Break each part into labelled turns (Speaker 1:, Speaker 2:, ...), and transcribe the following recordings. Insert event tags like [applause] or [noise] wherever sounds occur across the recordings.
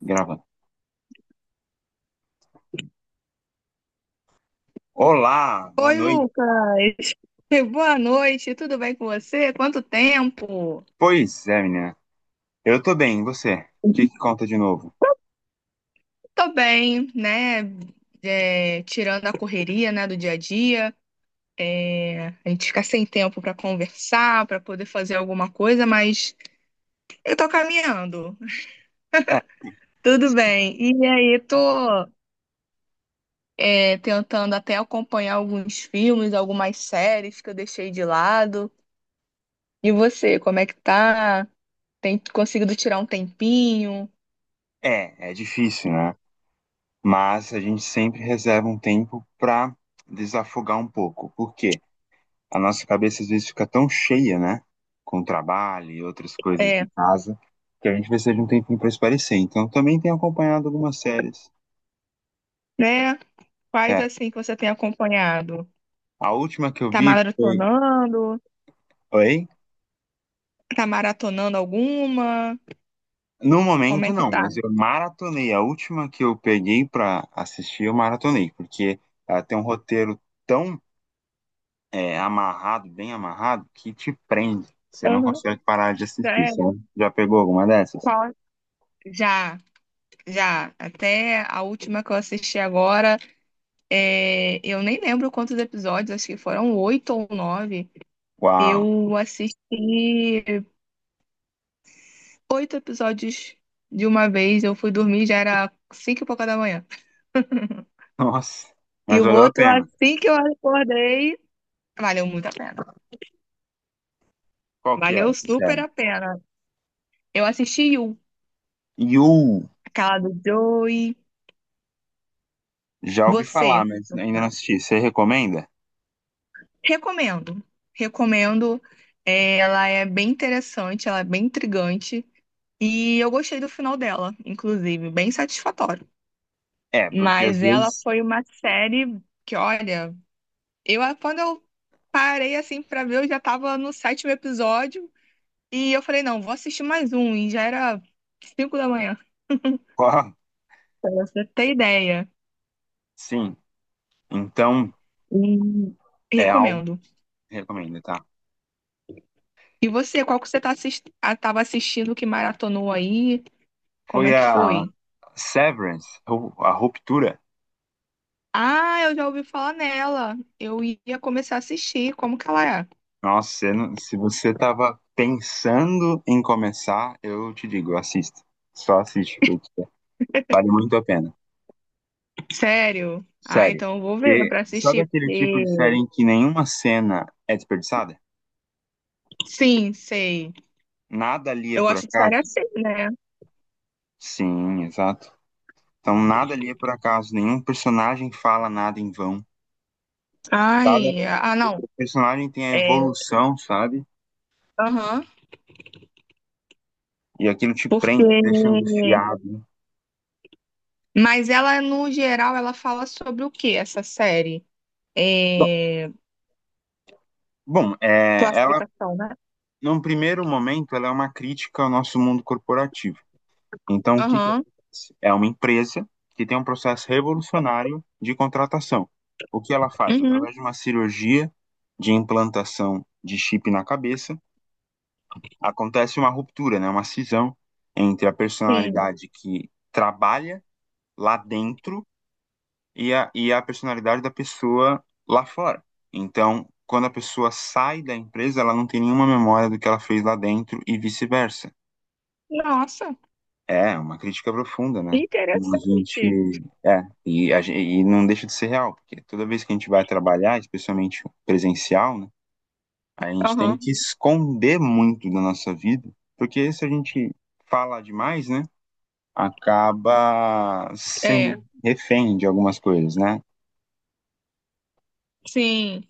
Speaker 1: Gravando. Olá, boa
Speaker 2: Oi,
Speaker 1: noite.
Speaker 2: Lucas. [laughs] Boa noite, tudo bem com você? Quanto tempo?
Speaker 1: Pois é, menina. Eu tô bem, e você? O que que conta de novo?
Speaker 2: Tô bem, né? É, tirando a correria, né, do dia a dia, É, a gente fica sem tempo pra conversar, pra poder fazer alguma coisa, mas eu tô caminhando.
Speaker 1: É,
Speaker 2: Tudo bem. E aí, tô, é, tentando até acompanhar alguns filmes, algumas séries que eu deixei de lado. E você, como é que tá? Tem conseguido tirar um tempinho?
Speaker 1: é difícil, né? Mas a gente sempre reserva um tempo pra desafogar um pouco. Por quê? A nossa cabeça às vezes fica tão cheia, né? Com trabalho e outras coisas
Speaker 2: É,
Speaker 1: de casa, que a gente precisa de um tempinho pra espairecer. Então, eu também tenho acompanhado algumas séries.
Speaker 2: né? Quais
Speaker 1: É,
Speaker 2: assim que você tem acompanhado?
Speaker 1: a última que eu
Speaker 2: Tá
Speaker 1: vi foi.
Speaker 2: maratonando?
Speaker 1: Oi?
Speaker 2: Tá maratonando alguma?
Speaker 1: No
Speaker 2: Como
Speaker 1: momento,
Speaker 2: é que
Speaker 1: não,
Speaker 2: tá?
Speaker 1: mas eu maratonei. A última que eu peguei pra assistir, eu maratonei, porque ela tem um roteiro tão amarrado, bem amarrado, que te prende. Você não
Speaker 2: Aham.
Speaker 1: consegue parar de assistir,
Speaker 2: Sério?
Speaker 1: sabe? Já pegou alguma dessas?
Speaker 2: Qual? Já, já. Até a última que eu assisti agora, eu nem lembro quantos episódios, acho que foram oito ou nove.
Speaker 1: Uau!
Speaker 2: Eu assisti oito episódios de uma vez. Eu fui dormir, já era cinco e pouca da manhã.
Speaker 1: [laughs] Nossa!
Speaker 2: E
Speaker 1: Mas
Speaker 2: o
Speaker 1: valeu a
Speaker 2: outro,
Speaker 1: pena.
Speaker 2: assim que eu acordei, valeu muito a pena.
Speaker 1: Qual que era
Speaker 2: Valeu
Speaker 1: essa
Speaker 2: super
Speaker 1: série?
Speaker 2: a pena. Eu assisti You,
Speaker 1: You!
Speaker 2: aquela do Joey.
Speaker 1: Já ouvi
Speaker 2: Você?
Speaker 1: falar, mas ainda não assisti. Você recomenda?
Speaker 2: Recomendo. Recomendo. É, ela é bem interessante, ela é bem intrigante. E eu gostei do final dela, inclusive, bem satisfatório.
Speaker 1: É, porque às
Speaker 2: Mas ela
Speaker 1: vezes. [laughs]
Speaker 2: foi uma série que, olha, eu quando eu parei assim pra ver, eu já tava no sétimo episódio. E eu falei, não, vou assistir mais um. E já era cinco da manhã,
Speaker 1: Qual?
Speaker 2: pra você ter ideia.
Speaker 1: Sim. Então,
Speaker 2: E
Speaker 1: é algo
Speaker 2: recomendo.
Speaker 1: que recomendo, tá?
Speaker 2: E você, qual que você tava assistindo que maratonou aí? Como
Speaker 1: Foi
Speaker 2: é que
Speaker 1: a
Speaker 2: foi?
Speaker 1: Severance, ou a Ruptura.
Speaker 2: Ah, eu já ouvi falar nela. Eu ia começar a assistir. Como que ela é?
Speaker 1: Nossa, você não- se você tava pensando em começar, eu te digo, assista. Só assiste, porque vale muito a pena.
Speaker 2: Sério? Ah,
Speaker 1: Sério.
Speaker 2: então eu vou ver
Speaker 1: E
Speaker 2: pra
Speaker 1: sabe
Speaker 2: assistir,
Speaker 1: aquele tipo
Speaker 2: porque...
Speaker 1: de série em que nenhuma cena é desperdiçada?
Speaker 2: Sim, sei.
Speaker 1: Nada ali é
Speaker 2: Eu
Speaker 1: por
Speaker 2: gosto de série
Speaker 1: acaso?
Speaker 2: assim, né?
Speaker 1: Sim, exato. Então, nada ali é por acaso. Nenhum personagem fala nada em vão. Cada
Speaker 2: Ai, ah, não.
Speaker 1: personagem tem a
Speaker 2: É,
Speaker 1: evolução, sabe?
Speaker 2: aham.
Speaker 1: E aquilo te
Speaker 2: Porque...
Speaker 1: prende, te deixa angustiado.
Speaker 2: Mas ela, no geral, ela fala sobre o que essa série?
Speaker 1: Bom,
Speaker 2: É...
Speaker 1: bom,
Speaker 2: Classificação, né?
Speaker 1: num primeiro momento, ela é uma crítica ao nosso mundo corporativo. Então, o que que
Speaker 2: Aham.
Speaker 1: acontece? É uma empresa que tem um processo revolucionário de contratação. O que ela faz?
Speaker 2: Uhum,
Speaker 1: Através de uma cirurgia de implantação de chip na cabeça, acontece uma ruptura, né? Uma cisão entre a
Speaker 2: sim.
Speaker 1: personalidade que trabalha lá dentro e a personalidade da pessoa lá fora. Então, quando a pessoa sai da empresa, ela não tem nenhuma memória do que ela fez lá dentro e vice-versa.
Speaker 2: Nossa.
Speaker 1: É, é uma crítica profunda, né? Como a
Speaker 2: Interessante.
Speaker 1: gente. É, e não deixa de ser real, porque toda vez que a gente vai trabalhar, especialmente presencial, né? A gente tem
Speaker 2: Aham.
Speaker 1: que esconder muito da nossa vida, porque se a gente fala demais, né? Acaba
Speaker 2: É,
Speaker 1: sendo refém de algumas coisas, né?
Speaker 2: sim.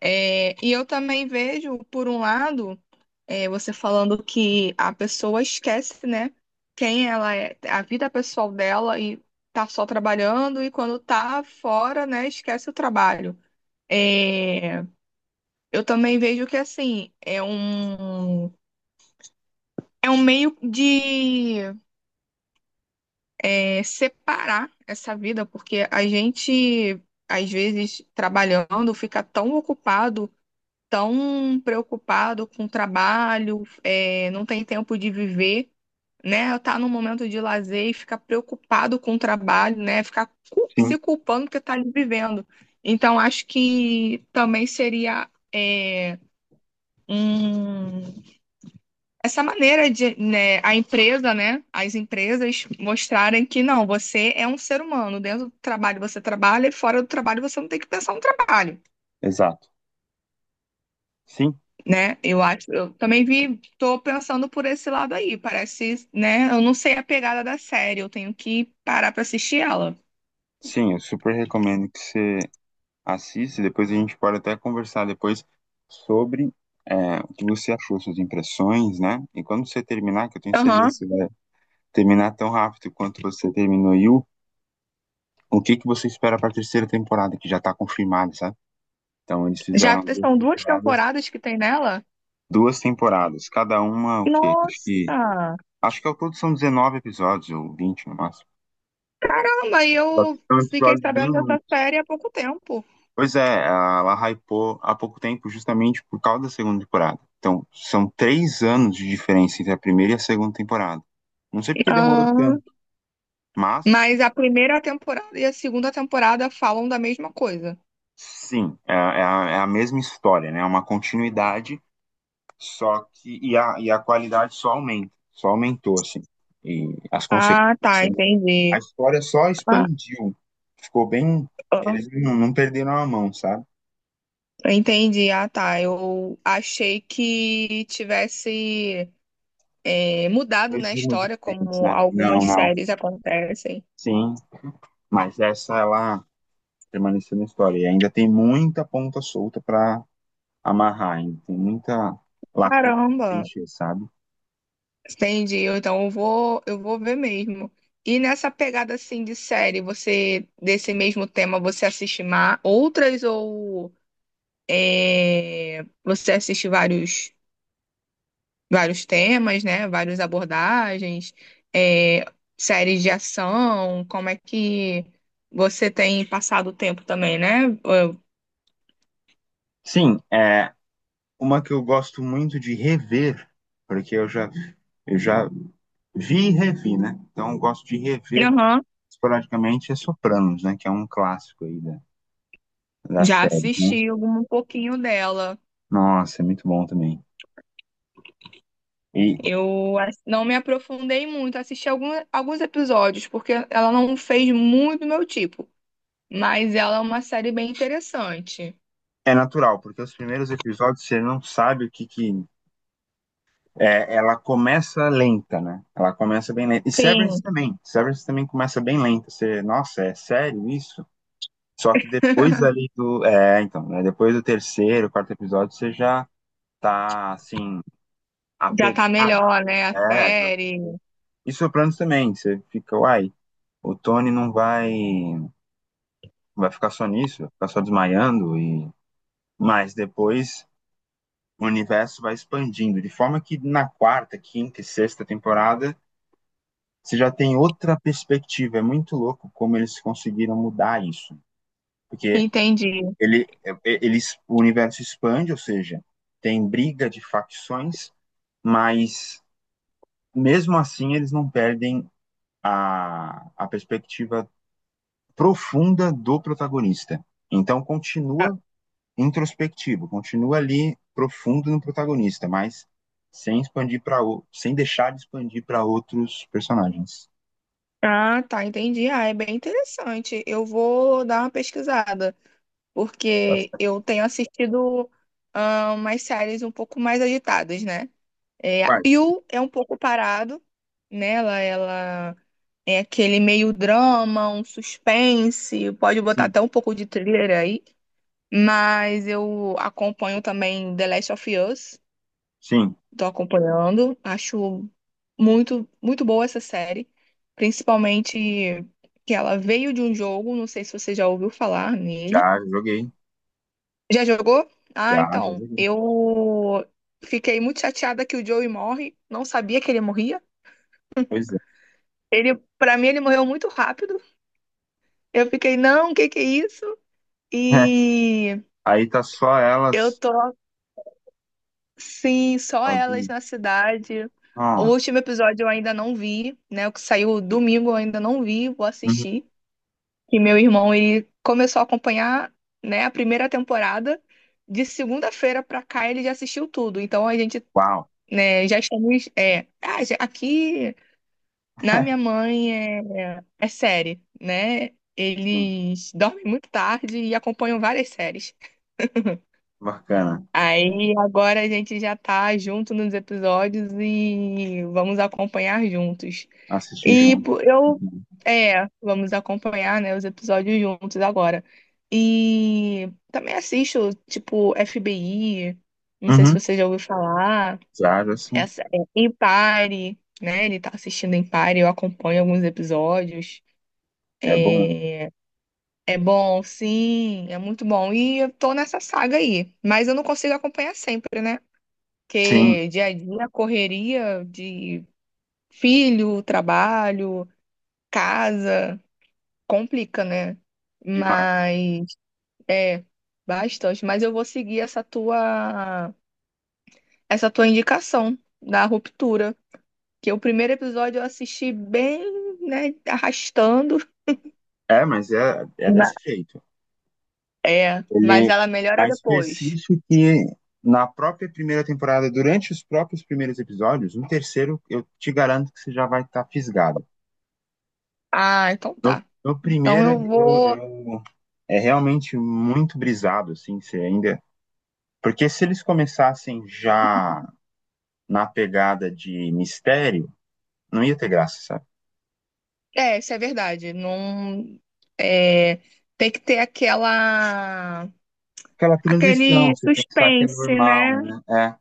Speaker 2: É, e eu também vejo, por um lado, você falando que a pessoa esquece, né, quem ela é, a vida pessoal dela e tá só trabalhando e quando tá fora, né, esquece o trabalho. É, eu também vejo que, assim, é um meio de separar essa vida, porque a gente às vezes trabalhando, fica tão ocupado tão preocupado com o trabalho, não tem tempo de viver, né? Tá num momento de lazer e fica preocupado com o trabalho, né? Ficar
Speaker 1: Sim,
Speaker 2: se culpando porque tá ali vivendo. Então, acho que também seria um- essa maneira de, né, as empresas mostrarem que não, você é um ser humano. Dentro do trabalho você trabalha e fora do trabalho você não tem que pensar no trabalho,
Speaker 1: exato. Sim,
Speaker 2: né? Eu acho, eu também vi, tô pensando por esse lado aí. Parece, né? Eu não sei a pegada da série, eu tenho que parar pra assistir ela.
Speaker 1: sim, eu super recomendo que você Assiste, depois a gente pode até conversar depois sobre o que você achou, suas impressões, né? E quando você terminar, que eu tenho certeza
Speaker 2: Aham.
Speaker 1: que você vai terminar tão rápido quanto você terminou e o que que você espera para a terceira temporada, que já está confirmada, sabe? Então eles
Speaker 2: Já
Speaker 1: fizeram
Speaker 2: te- são duas temporadas que tem nela?
Speaker 1: duas temporadas, cada uma o quê? Acho que
Speaker 2: Nossa!
Speaker 1: acho que ao todo são 19 episódios ou 20 no máximo.
Speaker 2: Caramba, e
Speaker 1: Só que
Speaker 2: eu
Speaker 1: são
Speaker 2: fiquei
Speaker 1: episódios bem
Speaker 2: sabendo dessa
Speaker 1: longos.
Speaker 2: série há pouco tempo.
Speaker 1: Pois é, ela hypou há pouco tempo justamente por causa da segunda temporada. Então, são 3 anos de diferença entre a primeira e a segunda temporada. Não sei porque demorou
Speaker 2: Ah,
Speaker 1: tanto, mas
Speaker 2: mas a primeira temporada e a segunda temporada falam da mesma coisa.
Speaker 1: sim, é a mesma história, né? É uma continuidade, só que. E a qualidade só aumenta, só aumentou, assim. E as consequências.
Speaker 2: Ah, tá,
Speaker 1: Né? A
Speaker 2: entendi.
Speaker 1: história só
Speaker 2: Ah,
Speaker 1: expandiu. Ficou bem.
Speaker 2: ah,
Speaker 1: Eles não perderam a mão, sabe?
Speaker 2: entendi. Ah, tá. Eu achei que tivesse mudado
Speaker 1: Dois
Speaker 2: na
Speaker 1: rumos
Speaker 2: história,
Speaker 1: diferentes,
Speaker 2: como
Speaker 1: né?
Speaker 2: algumas
Speaker 1: Não, não.
Speaker 2: séries acontecem.
Speaker 1: Sim, mas essa ela permanecer na história. E ainda tem muita ponta solta para amarrar, ainda tem muita lacuna pra
Speaker 2: Caramba,
Speaker 1: encher, sabe?
Speaker 2: entendi. Eu, então eu vou ver mesmo. E nessa pegada assim de série, você desse mesmo tema, você outras ou você assiste vários temas, né? Várias abordagens, é, séries de ação, como é que você tem passado o tempo também, né?
Speaker 1: Sim, é uma que eu gosto muito de rever, porque eu já vi e revi, né? Então eu gosto de rever
Speaker 2: Aham.
Speaker 1: esporadicamente é Sopranos, né? Que é um clássico aí da
Speaker 2: Já
Speaker 1: série, né?
Speaker 2: assisti algum, um pouquinho dela.
Speaker 1: Nossa, é muito bom também. E
Speaker 2: Não me aprofundei muito, assisti algum, alguns episódios, porque ela não fez muito do meu tipo, mas ela é uma série bem interessante.
Speaker 1: é natural, porque os primeiros episódios você não sabe que É, ela começa lenta, né? Ela começa bem lenta. E Severance
Speaker 2: Sim,
Speaker 1: também. Severance também começa bem lenta. Você, nossa, é sério isso? Só que depois ali do. É, então, né? Depois do terceiro, quarto episódio, você já tá, assim,
Speaker 2: já tá
Speaker 1: apegado.
Speaker 2: melhor, né? A
Speaker 1: É, já. Tá-
Speaker 2: série.
Speaker 1: E Sopranos também. Você fica, uai, o Tony não vai. Vai ficar só nisso, vai ficar só desmaiando. E Mas depois o universo vai expandindo. De forma que na quarta, quinta e sexta temporada você já tem outra perspectiva. É muito louco como eles conseguiram mudar isso. Porque
Speaker 2: Entendi.
Speaker 1: ele, ele, o universo expande, ou seja, tem briga de facções, mas mesmo assim eles não perdem a perspectiva profunda do protagonista. Então continua introspectivo, continua ali profundo no protagonista, mas sem expandir para sem deixar de expandir para outros personagens.
Speaker 2: Ah, tá, entendi. Ah, é bem interessante. Eu vou dar uma pesquisada, porque eu tenho assistido umas séries um pouco mais agitadas, né? É, a
Speaker 1: Quase.
Speaker 2: Yu é um pouco parado, né? Ela é aquele meio drama, um suspense, pode botar
Speaker 1: Sim.
Speaker 2: até um pouco de thriller aí. Mas eu acompanho também The Last of Us,
Speaker 1: Sim,
Speaker 2: tô acompanhando. Acho muito boa essa série, principalmente que ela veio de um jogo, não sei se você já ouviu falar nele.
Speaker 1: Já joguei,
Speaker 2: Já jogou?
Speaker 1: já,
Speaker 2: Ah,
Speaker 1: já
Speaker 2: então,
Speaker 1: joguei.
Speaker 2: eu fiquei muito chateada que o Joey morre, não sabia que ele morria.
Speaker 1: Pois é.
Speaker 2: Ele, para mim, ele morreu muito rápido. Eu fiquei, não, o que que é isso?
Speaker 1: [laughs]
Speaker 2: E
Speaker 1: Aí tá só
Speaker 2: eu
Speaker 1: elas
Speaker 2: tô, sim, só elas
Speaker 1: sozinhas.
Speaker 2: na cidade. O
Speaker 1: Nossa.
Speaker 2: último episódio eu ainda não vi, né? O que saiu domingo eu ainda não vi, vou
Speaker 1: Uhum.
Speaker 2: assistir. E meu irmão, ele começou a acompanhar, né, a primeira temporada. De segunda-feira pra cá ele já assistiu tudo. Então a gente,
Speaker 1: Uau.
Speaker 2: né, já estamos. Aqui na minha mãe é série, né?
Speaker 1: Sim.
Speaker 2: Eles dormem muito tarde e acompanham várias séries.
Speaker 1: Bacana.
Speaker 2: Aí agora a gente já tá junto nos episódios e vamos acompanhar juntos.
Speaker 1: Assistir
Speaker 2: E
Speaker 1: junto. Uhum.
Speaker 2: vamos acompanhar, né, os episódios juntos agora. E também assisto, tipo, FBI, não sei se
Speaker 1: Uhum.
Speaker 2: você já ouviu falar,
Speaker 1: Já, já sim.
Speaker 2: essa é Empire, né? Ele tá assistindo Empire, eu acompanho alguns episódios.
Speaker 1: É bom.
Speaker 2: É, é bom, sim, é muito bom. E eu tô nessa saga aí, mas eu não consigo acompanhar sempre, né?
Speaker 1: Sim,
Speaker 2: Porque dia a dia, correria de filho, trabalho, casa, complica, né?
Speaker 1: demais.
Speaker 2: Mas é bastante. Mas eu vou seguir essa tua indicação da ruptura. Que o primeiro episódio eu assisti bem, né, arrastando.
Speaker 1: Mas é
Speaker 2: Ma-
Speaker 1: desse jeito.
Speaker 2: É, mas
Speaker 1: Ele
Speaker 2: ela melhora
Speaker 1: mas
Speaker 2: depois.
Speaker 1: persiste que na própria primeira temporada, durante os próprios primeiros episódios, no terceiro, eu te garanto que você já vai estar fisgado.
Speaker 2: Ah, então
Speaker 1: No,
Speaker 2: tá.
Speaker 1: no
Speaker 2: Então
Speaker 1: primeiro,
Speaker 2: eu vou.
Speaker 1: é realmente muito brisado, assim, se ainda. Porque se eles começassem já na pegada de mistério, não ia ter graça, sabe?
Speaker 2: É, isso é verdade. Não. É, tem que ter aquela
Speaker 1: Aquela
Speaker 2: aquele
Speaker 1: transição, você pensar que é
Speaker 2: suspense,
Speaker 1: normal,
Speaker 2: né?
Speaker 1: né? É,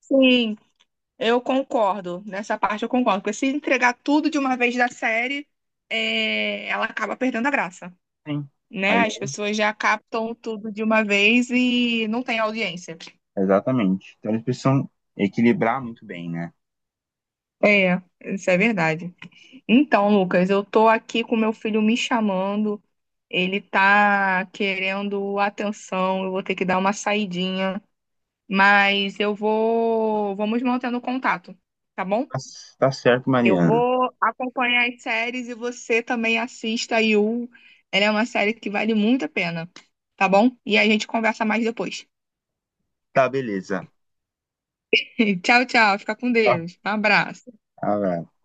Speaker 2: Sim, eu concordo. Nessa parte eu concordo. Porque se entregar tudo de uma vez da série, ela acaba perdendo a graça,
Speaker 1: sim.
Speaker 2: né?
Speaker 1: Aí,
Speaker 2: As pessoas já captam tudo de uma vez e não tem audiência.
Speaker 1: exatamente. Então eles precisam equilibrar muito bem, né?
Speaker 2: É, isso é verdade. Então, Lucas, eu tô aqui com meu filho me chamando. Ele tá querendo atenção. Eu vou ter que dar uma saidinha, mas eu vou, vamos mantendo contato, tá bom?
Speaker 1: Tá, tá certo,
Speaker 2: Eu
Speaker 1: Mariana.
Speaker 2: vou acompanhar as séries e você também assista a You. Ela é uma série que vale muito a pena, tá bom? E a gente conversa mais depois.
Speaker 1: Tá, beleza.
Speaker 2: [laughs] Tchau, tchau. Fica com
Speaker 1: Tá.
Speaker 2: Deus. Um abraço.
Speaker 1: Abraço.